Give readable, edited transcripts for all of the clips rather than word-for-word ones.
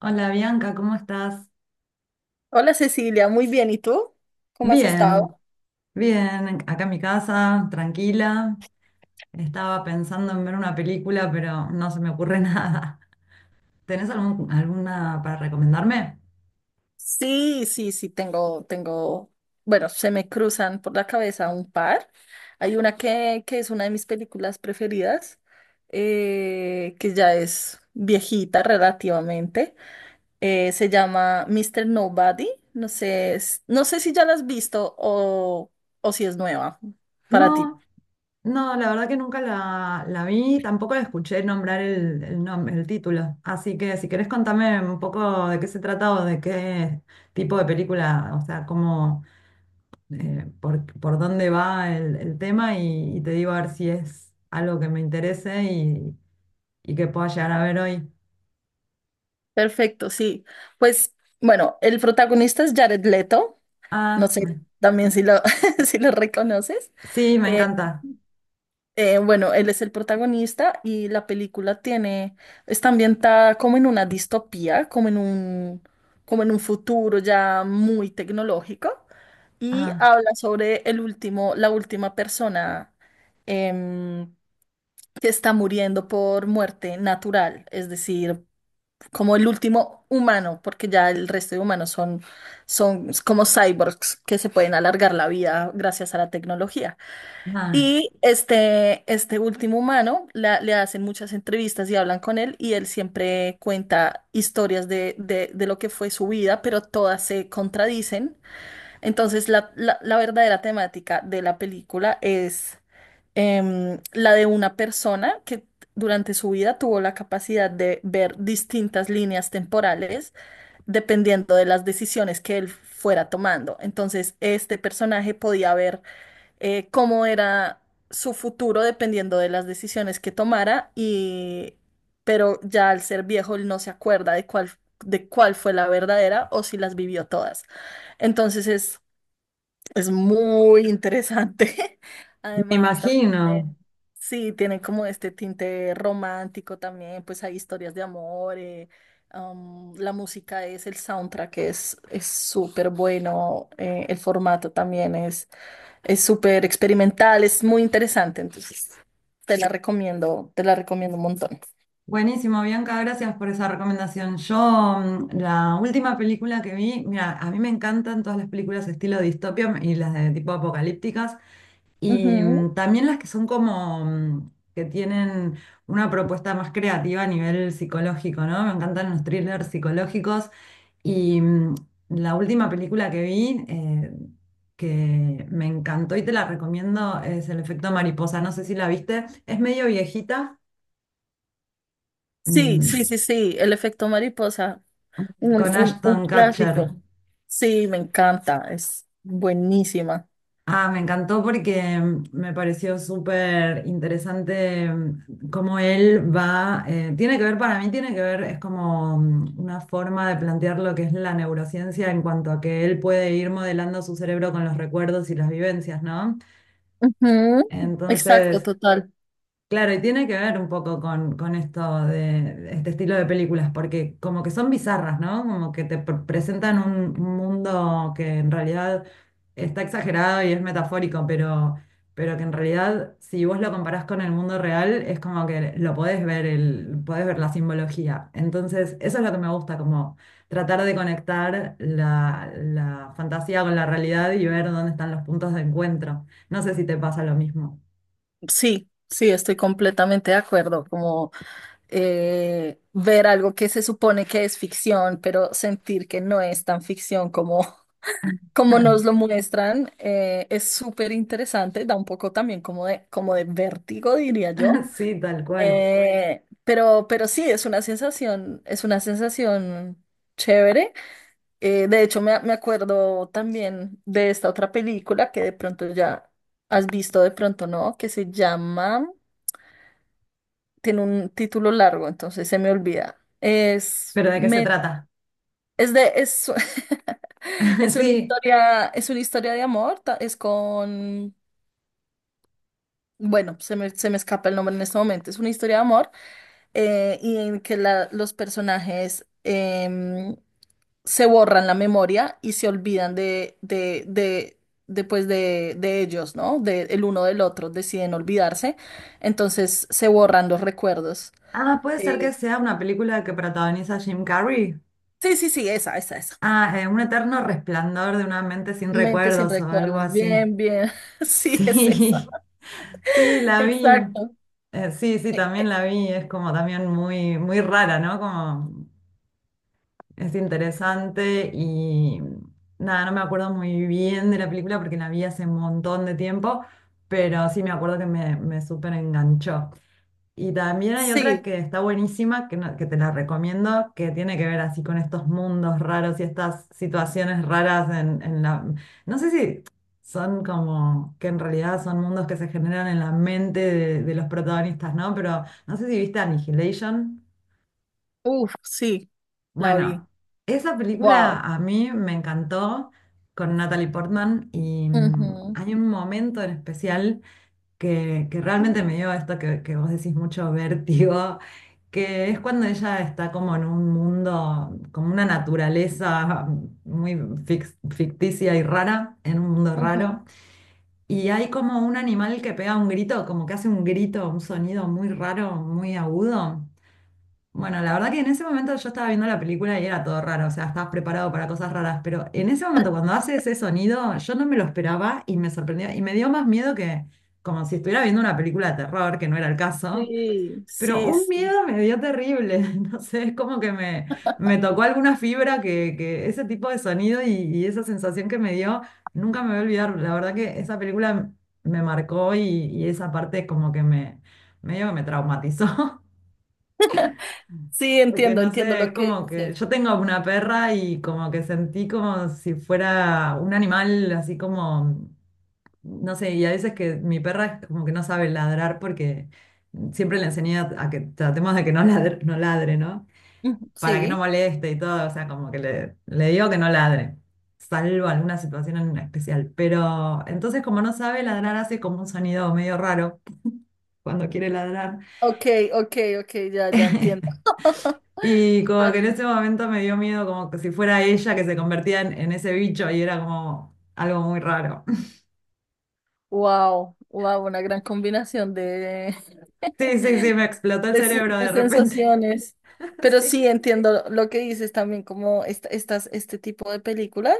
Hola Bianca, ¿cómo estás? Hola Cecilia, muy bien. ¿Y tú? ¿Cómo has Bien, estado? bien, acá en mi casa, tranquila. Estaba pensando en ver una película, pero no se me ocurre nada. ¿Tenés alguna para recomendarme? Sí, sí, sí, tengo, tengo, bueno, se me cruzan por la cabeza un par. Hay una que es una de mis películas preferidas, que ya es viejita relativamente. Se llama Mister Nobody. No sé, no sé si ya la has visto o si es nueva para ti. No, no, la verdad que nunca la vi, tampoco la escuché nombrar el, el título. Así que si querés contame un poco de qué se trata o de qué tipo de película, o sea, cómo, por dónde va el tema y te digo a ver si es algo que me interese y que pueda llegar a ver hoy. Perfecto, sí. Pues bueno, el protagonista es Jared Leto. No Ah, me- sé también si lo, si lo reconoces. sí, me Eh, encanta. Bueno, él es el protagonista y está ambientada como en una distopía, como en como en un futuro ya muy tecnológico y Ah, habla sobre la última persona em, que está muriendo por muerte natural, es decir, como el último humano, porque ya el resto de humanos son como cyborgs que se pueden alargar la vida gracias a la tecnología. ah, Y este último humano le hacen muchas entrevistas y hablan con él y él siempre cuenta historias de lo que fue su vida, pero todas se contradicen. Entonces la verdadera temática de la película es la de una persona que durante su vida tuvo la capacidad de ver distintas líneas temporales dependiendo de las decisiones que él fuera tomando. Entonces, este personaje podía ver cómo era su futuro dependiendo de las decisiones que tomara pero ya al ser viejo él no se acuerda de cuál fue la verdadera o si las vivió todas. Entonces es es muy interesante. me Además, también, imagino. sí, tienen como este tinte romántico también, pues hay historias de amor, la música el soundtrack es súper bueno, el formato también es súper experimental, es muy interesante, entonces te la recomiendo un montón. Buenísimo, Bianca, gracias por esa recomendación. Yo, la última película que vi, mira, a mí me encantan todas las películas estilo distopia y las de tipo apocalípticas. Y Ujú. mm, también las que son como que tienen una propuesta más creativa a nivel psicológico, ¿no? Me encantan los thrillers psicológicos. Y la última película que vi, que me encantó y te la recomiendo, es El efecto mariposa. No sé si la viste. Es medio viejita, Sí, sí, mm, sí, sí, el efecto mariposa. Con Un Ashton Kutcher. clásico. Sí, me encanta. Es buenísima. Ah, me encantó porque me pareció súper interesante, cómo él va, tiene que ver, para mí tiene que ver, es como una forma de plantear lo que es la neurociencia en cuanto a que él puede ir modelando su cerebro con los recuerdos y las vivencias, ¿no? Ujú. Exacto, Entonces. total. Claro, y tiene que ver un poco con esto de este estilo de películas, porque como que son bizarras, ¿no? Como que te presentan un mundo que en realidad está exagerado y es metafórico, pero que en realidad si vos lo comparás con el mundo real, es como que lo podés ver, podés ver la simbología. Entonces, eso es lo que me gusta, como tratar de conectar la fantasía con la realidad y ver dónde están los puntos de encuentro. No sé si te pasa lo mismo. Sí, sí, estoy completamente de acuerdo. Como Ver algo que se supone que es ficción, pero sentir que no es tan ficción como nos lo muestran, es súper interesante. Da un poco también como como de vértigo, diría yo. Sí, tal cual. Pero sí, es una es una sensación chévere. De hecho, me acuerdo también de esta otra película que de pronto ya has visto, de pronto no, que se llama, tiene un título largo, entonces se me olvida. Es, ¿Pero de qué se me, trata? es de, es, Sí. Es una historia de amor, bueno, se me escapa el nombre en este momento, es una historia de amor y en que los personajes se borran la memoria y se olvidan de ellos, ¿no? De, el uno del otro, deciden olvidarse, entonces se borran los recuerdos. Ah, puede ser Eh, que sea una película que protagoniza Jim Carrey. sí, sí, sí, esa, esa, esa. Ah, Un eterno resplandor de una mente sin Mente sin recuerdos o algo recuerdos, así. bien, bien, sí, es esa, Sí, sí, la vi. exacto. Sí, sí, Eh, también eh, la vi. Es como también muy, muy rara, ¿no? Como es interesante y nada, no me acuerdo muy bien de la película porque la vi hace un montón de tiempo, pero sí me acuerdo que me súper enganchó. Y también hay otra sí, que está buenísima, que, te la recomiendo, que tiene que ver así con estos mundos raros y estas situaciones raras en la. No sé si son como, que en realidad son mundos que se generan en la mente de los protagonistas, ¿no? Pero no sé si viste Annihilation. uff, sí, la Bueno, vi, esa película wow. a mí me encantó con Natalie Portman y Ujú, hay un momento en especial que realmente me dio esto que vos decís mucho vértigo, que es cuando ella está como en un mundo, como una naturaleza muy ficticia y rara, en un mundo ujú. raro, y hay como un animal que pega un grito, como que hace un grito, un sonido muy raro, muy agudo. Bueno, la verdad que en ese momento yo estaba viendo la película y era todo raro, o sea, estabas preparado para cosas raras, pero en ese momento cuando hace ese sonido, yo no me lo esperaba y me sorprendió y me dio más miedo que como si estuviera viendo una película de terror, que no era el caso, Sí, pero sí, un sí. miedo me dio terrible, no sé, es como que me tocó alguna fibra que ese tipo de sonido y esa sensación que me dio, nunca me voy a olvidar, la verdad que esa película me marcó y esa parte como que medio que me traumatizó. Sí, Porque entiendo, no entiendo sé, lo es que como que dices. yo tengo una perra y como que sentí como si fuera un animal así como, no sé, y a veces que mi perra es como que no sabe ladrar porque siempre le enseñé a que tratemos de que no ladre, no ladre, ¿no? Ujú. Para que no Sí. moleste y todo, o sea, como que le digo que no ladre, salvo alguna situación en especial. Pero entonces como no sabe ladrar, hace como un sonido medio raro cuando quiere ladrar. Ok, ok, ok, ya, ya entiendo. Y como que en ese momento me dio miedo, como que si fuera ella que se convertía en ese bicho y era como algo muy raro. Wow, wow, una gran combinación Sí, sí, sí, me explotó el cerebro de de repente. sensaciones. Pero Sí, sí entiendo lo que dices también, como estas, este tipo de películas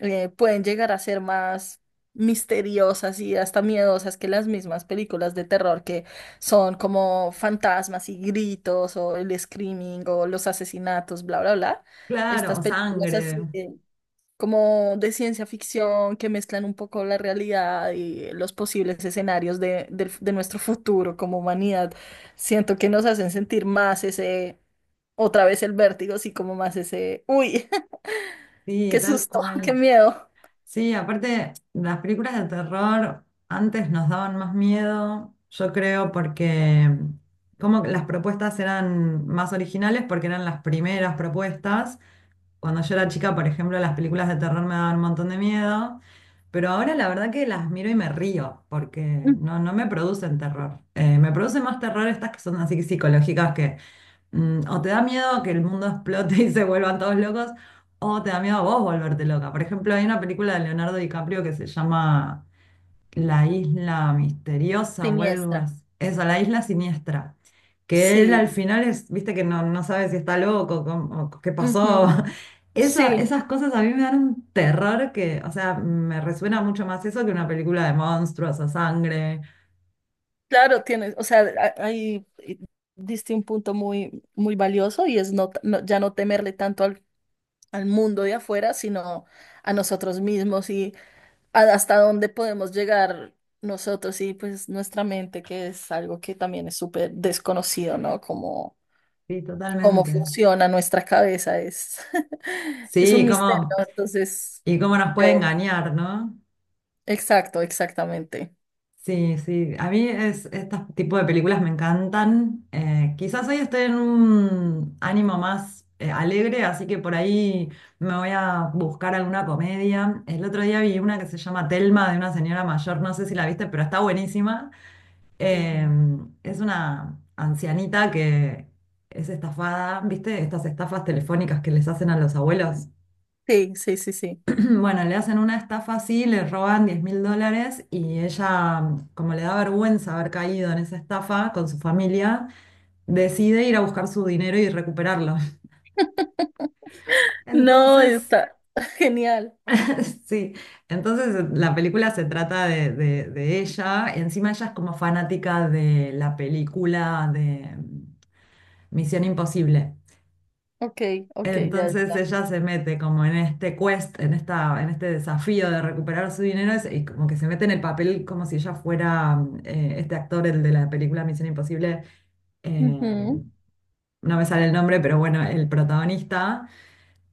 pueden llegar a ser más misteriosas y hasta miedosas que las mismas películas de terror que son como fantasmas y gritos o el screaming o los asesinatos, bla, bla, bla. claro, Estas o películas sangre. así como de ciencia ficción que mezclan un poco la realidad y los posibles escenarios de nuestro futuro como humanidad. Siento que nos hacen sentir más otra vez el vértigo, así como más ese, uy, Sí, qué tal susto, qué cual. miedo. Sí, aparte, las películas de terror antes nos daban más miedo, yo creo, porque como que las propuestas eran más originales, porque eran las primeras propuestas. Cuando yo era chica, por ejemplo, las películas de terror me daban un montón de miedo, pero ahora la verdad que las miro y me río, porque Mm. no, no me producen terror. Me producen más terror estas que son así psicológicas que o te da miedo que el mundo explote y se vuelvan todos locos, o te da miedo a vos volverte loca. Por ejemplo, hay una película de Leonardo DiCaprio que se llama la isla misteriosa o algo Siniestra. así. Eso, la isla siniestra. Que él al Sí. final es, viste que no, no sabe si está loco o qué pasó. Ujú. Esa- Sí, esas cosas a mí me dan un terror que, o sea, me resuena mucho más eso que una película de monstruos o sangre. claro, tienes, o sea, ahí diste un punto muy, muy valioso y es no, ya no temerle tanto al mundo de afuera, sino a nosotros mismos, hasta dónde podemos llegar nosotros y pues nuestra mente, que es algo que también es súper desconocido, ¿no? Como Sí, cómo totalmente. funciona nuestra cabeza es, es un Sí, misterio, cómo, ¿no? Entonces, y cómo nos puede chévere. engañar, ¿no? Exacto, exactamente. Sí, sí, a mí es, este tipo de películas me encantan. Quizás hoy estoy en un ánimo más alegre, así que por ahí me voy a buscar alguna comedia. El otro día vi una que se llama Telma de una señora mayor, no sé si la viste, pero está buenísima. Eh, Ujú. es una ancianita que es estafada, ¿viste? Estas estafas telefónicas que les hacen a los abuelos. Sí, sí, sí, sí. Bueno, le hacen una estafa así, le roban 10.000 dólares y ella, como le da vergüenza haber caído en esa estafa con su familia, decide ir a buscar su dinero y recuperarlo. No, Entonces, está genial. sí, entonces la película se trata de, de ella. Encima ella es como fanática de la película de Misión Imposible. Ok, ok, ya, Entonces ya. ella se mete como en este quest, en esta, en este desafío de recuperar su dinero y como que se mete en el papel como si ella fuera este actor, el de la película Misión Imposible, eh, Ujú. no me sale el nombre, pero bueno, el protagonista.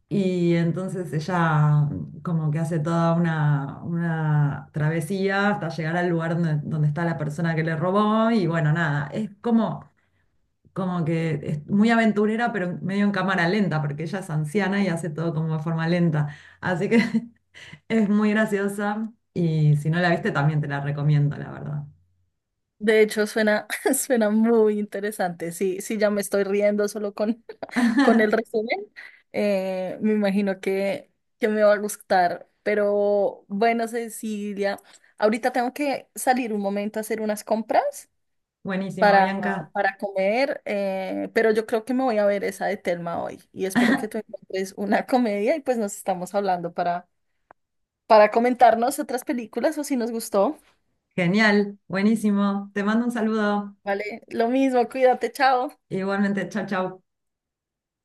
Y entonces ella como que hace toda una travesía hasta llegar al lugar donde está la persona que le robó y bueno, nada, es como que es muy aventurera, pero medio en cámara lenta, porque ella es anciana y hace todo como de forma lenta. Así que es muy graciosa y si no la viste también te la recomiendo, la verdad. De hecho, suena, suena muy interesante. Sí, sí, ya me estoy riendo solo con el resumen, me imagino que me va a gustar. Pero bueno, Cecilia, ahorita tengo que salir un momento a hacer unas compras Buenísimo, para, Bianca. para comer, pero yo creo que me voy a ver esa de Telma hoy y espero que tú encuentres una comedia y pues nos estamos hablando para comentarnos otras películas o si nos gustó. Genial, buenísimo. Te mando un saludo. Vale, lo mismo, cuídate, chao. Igualmente, chao, chao.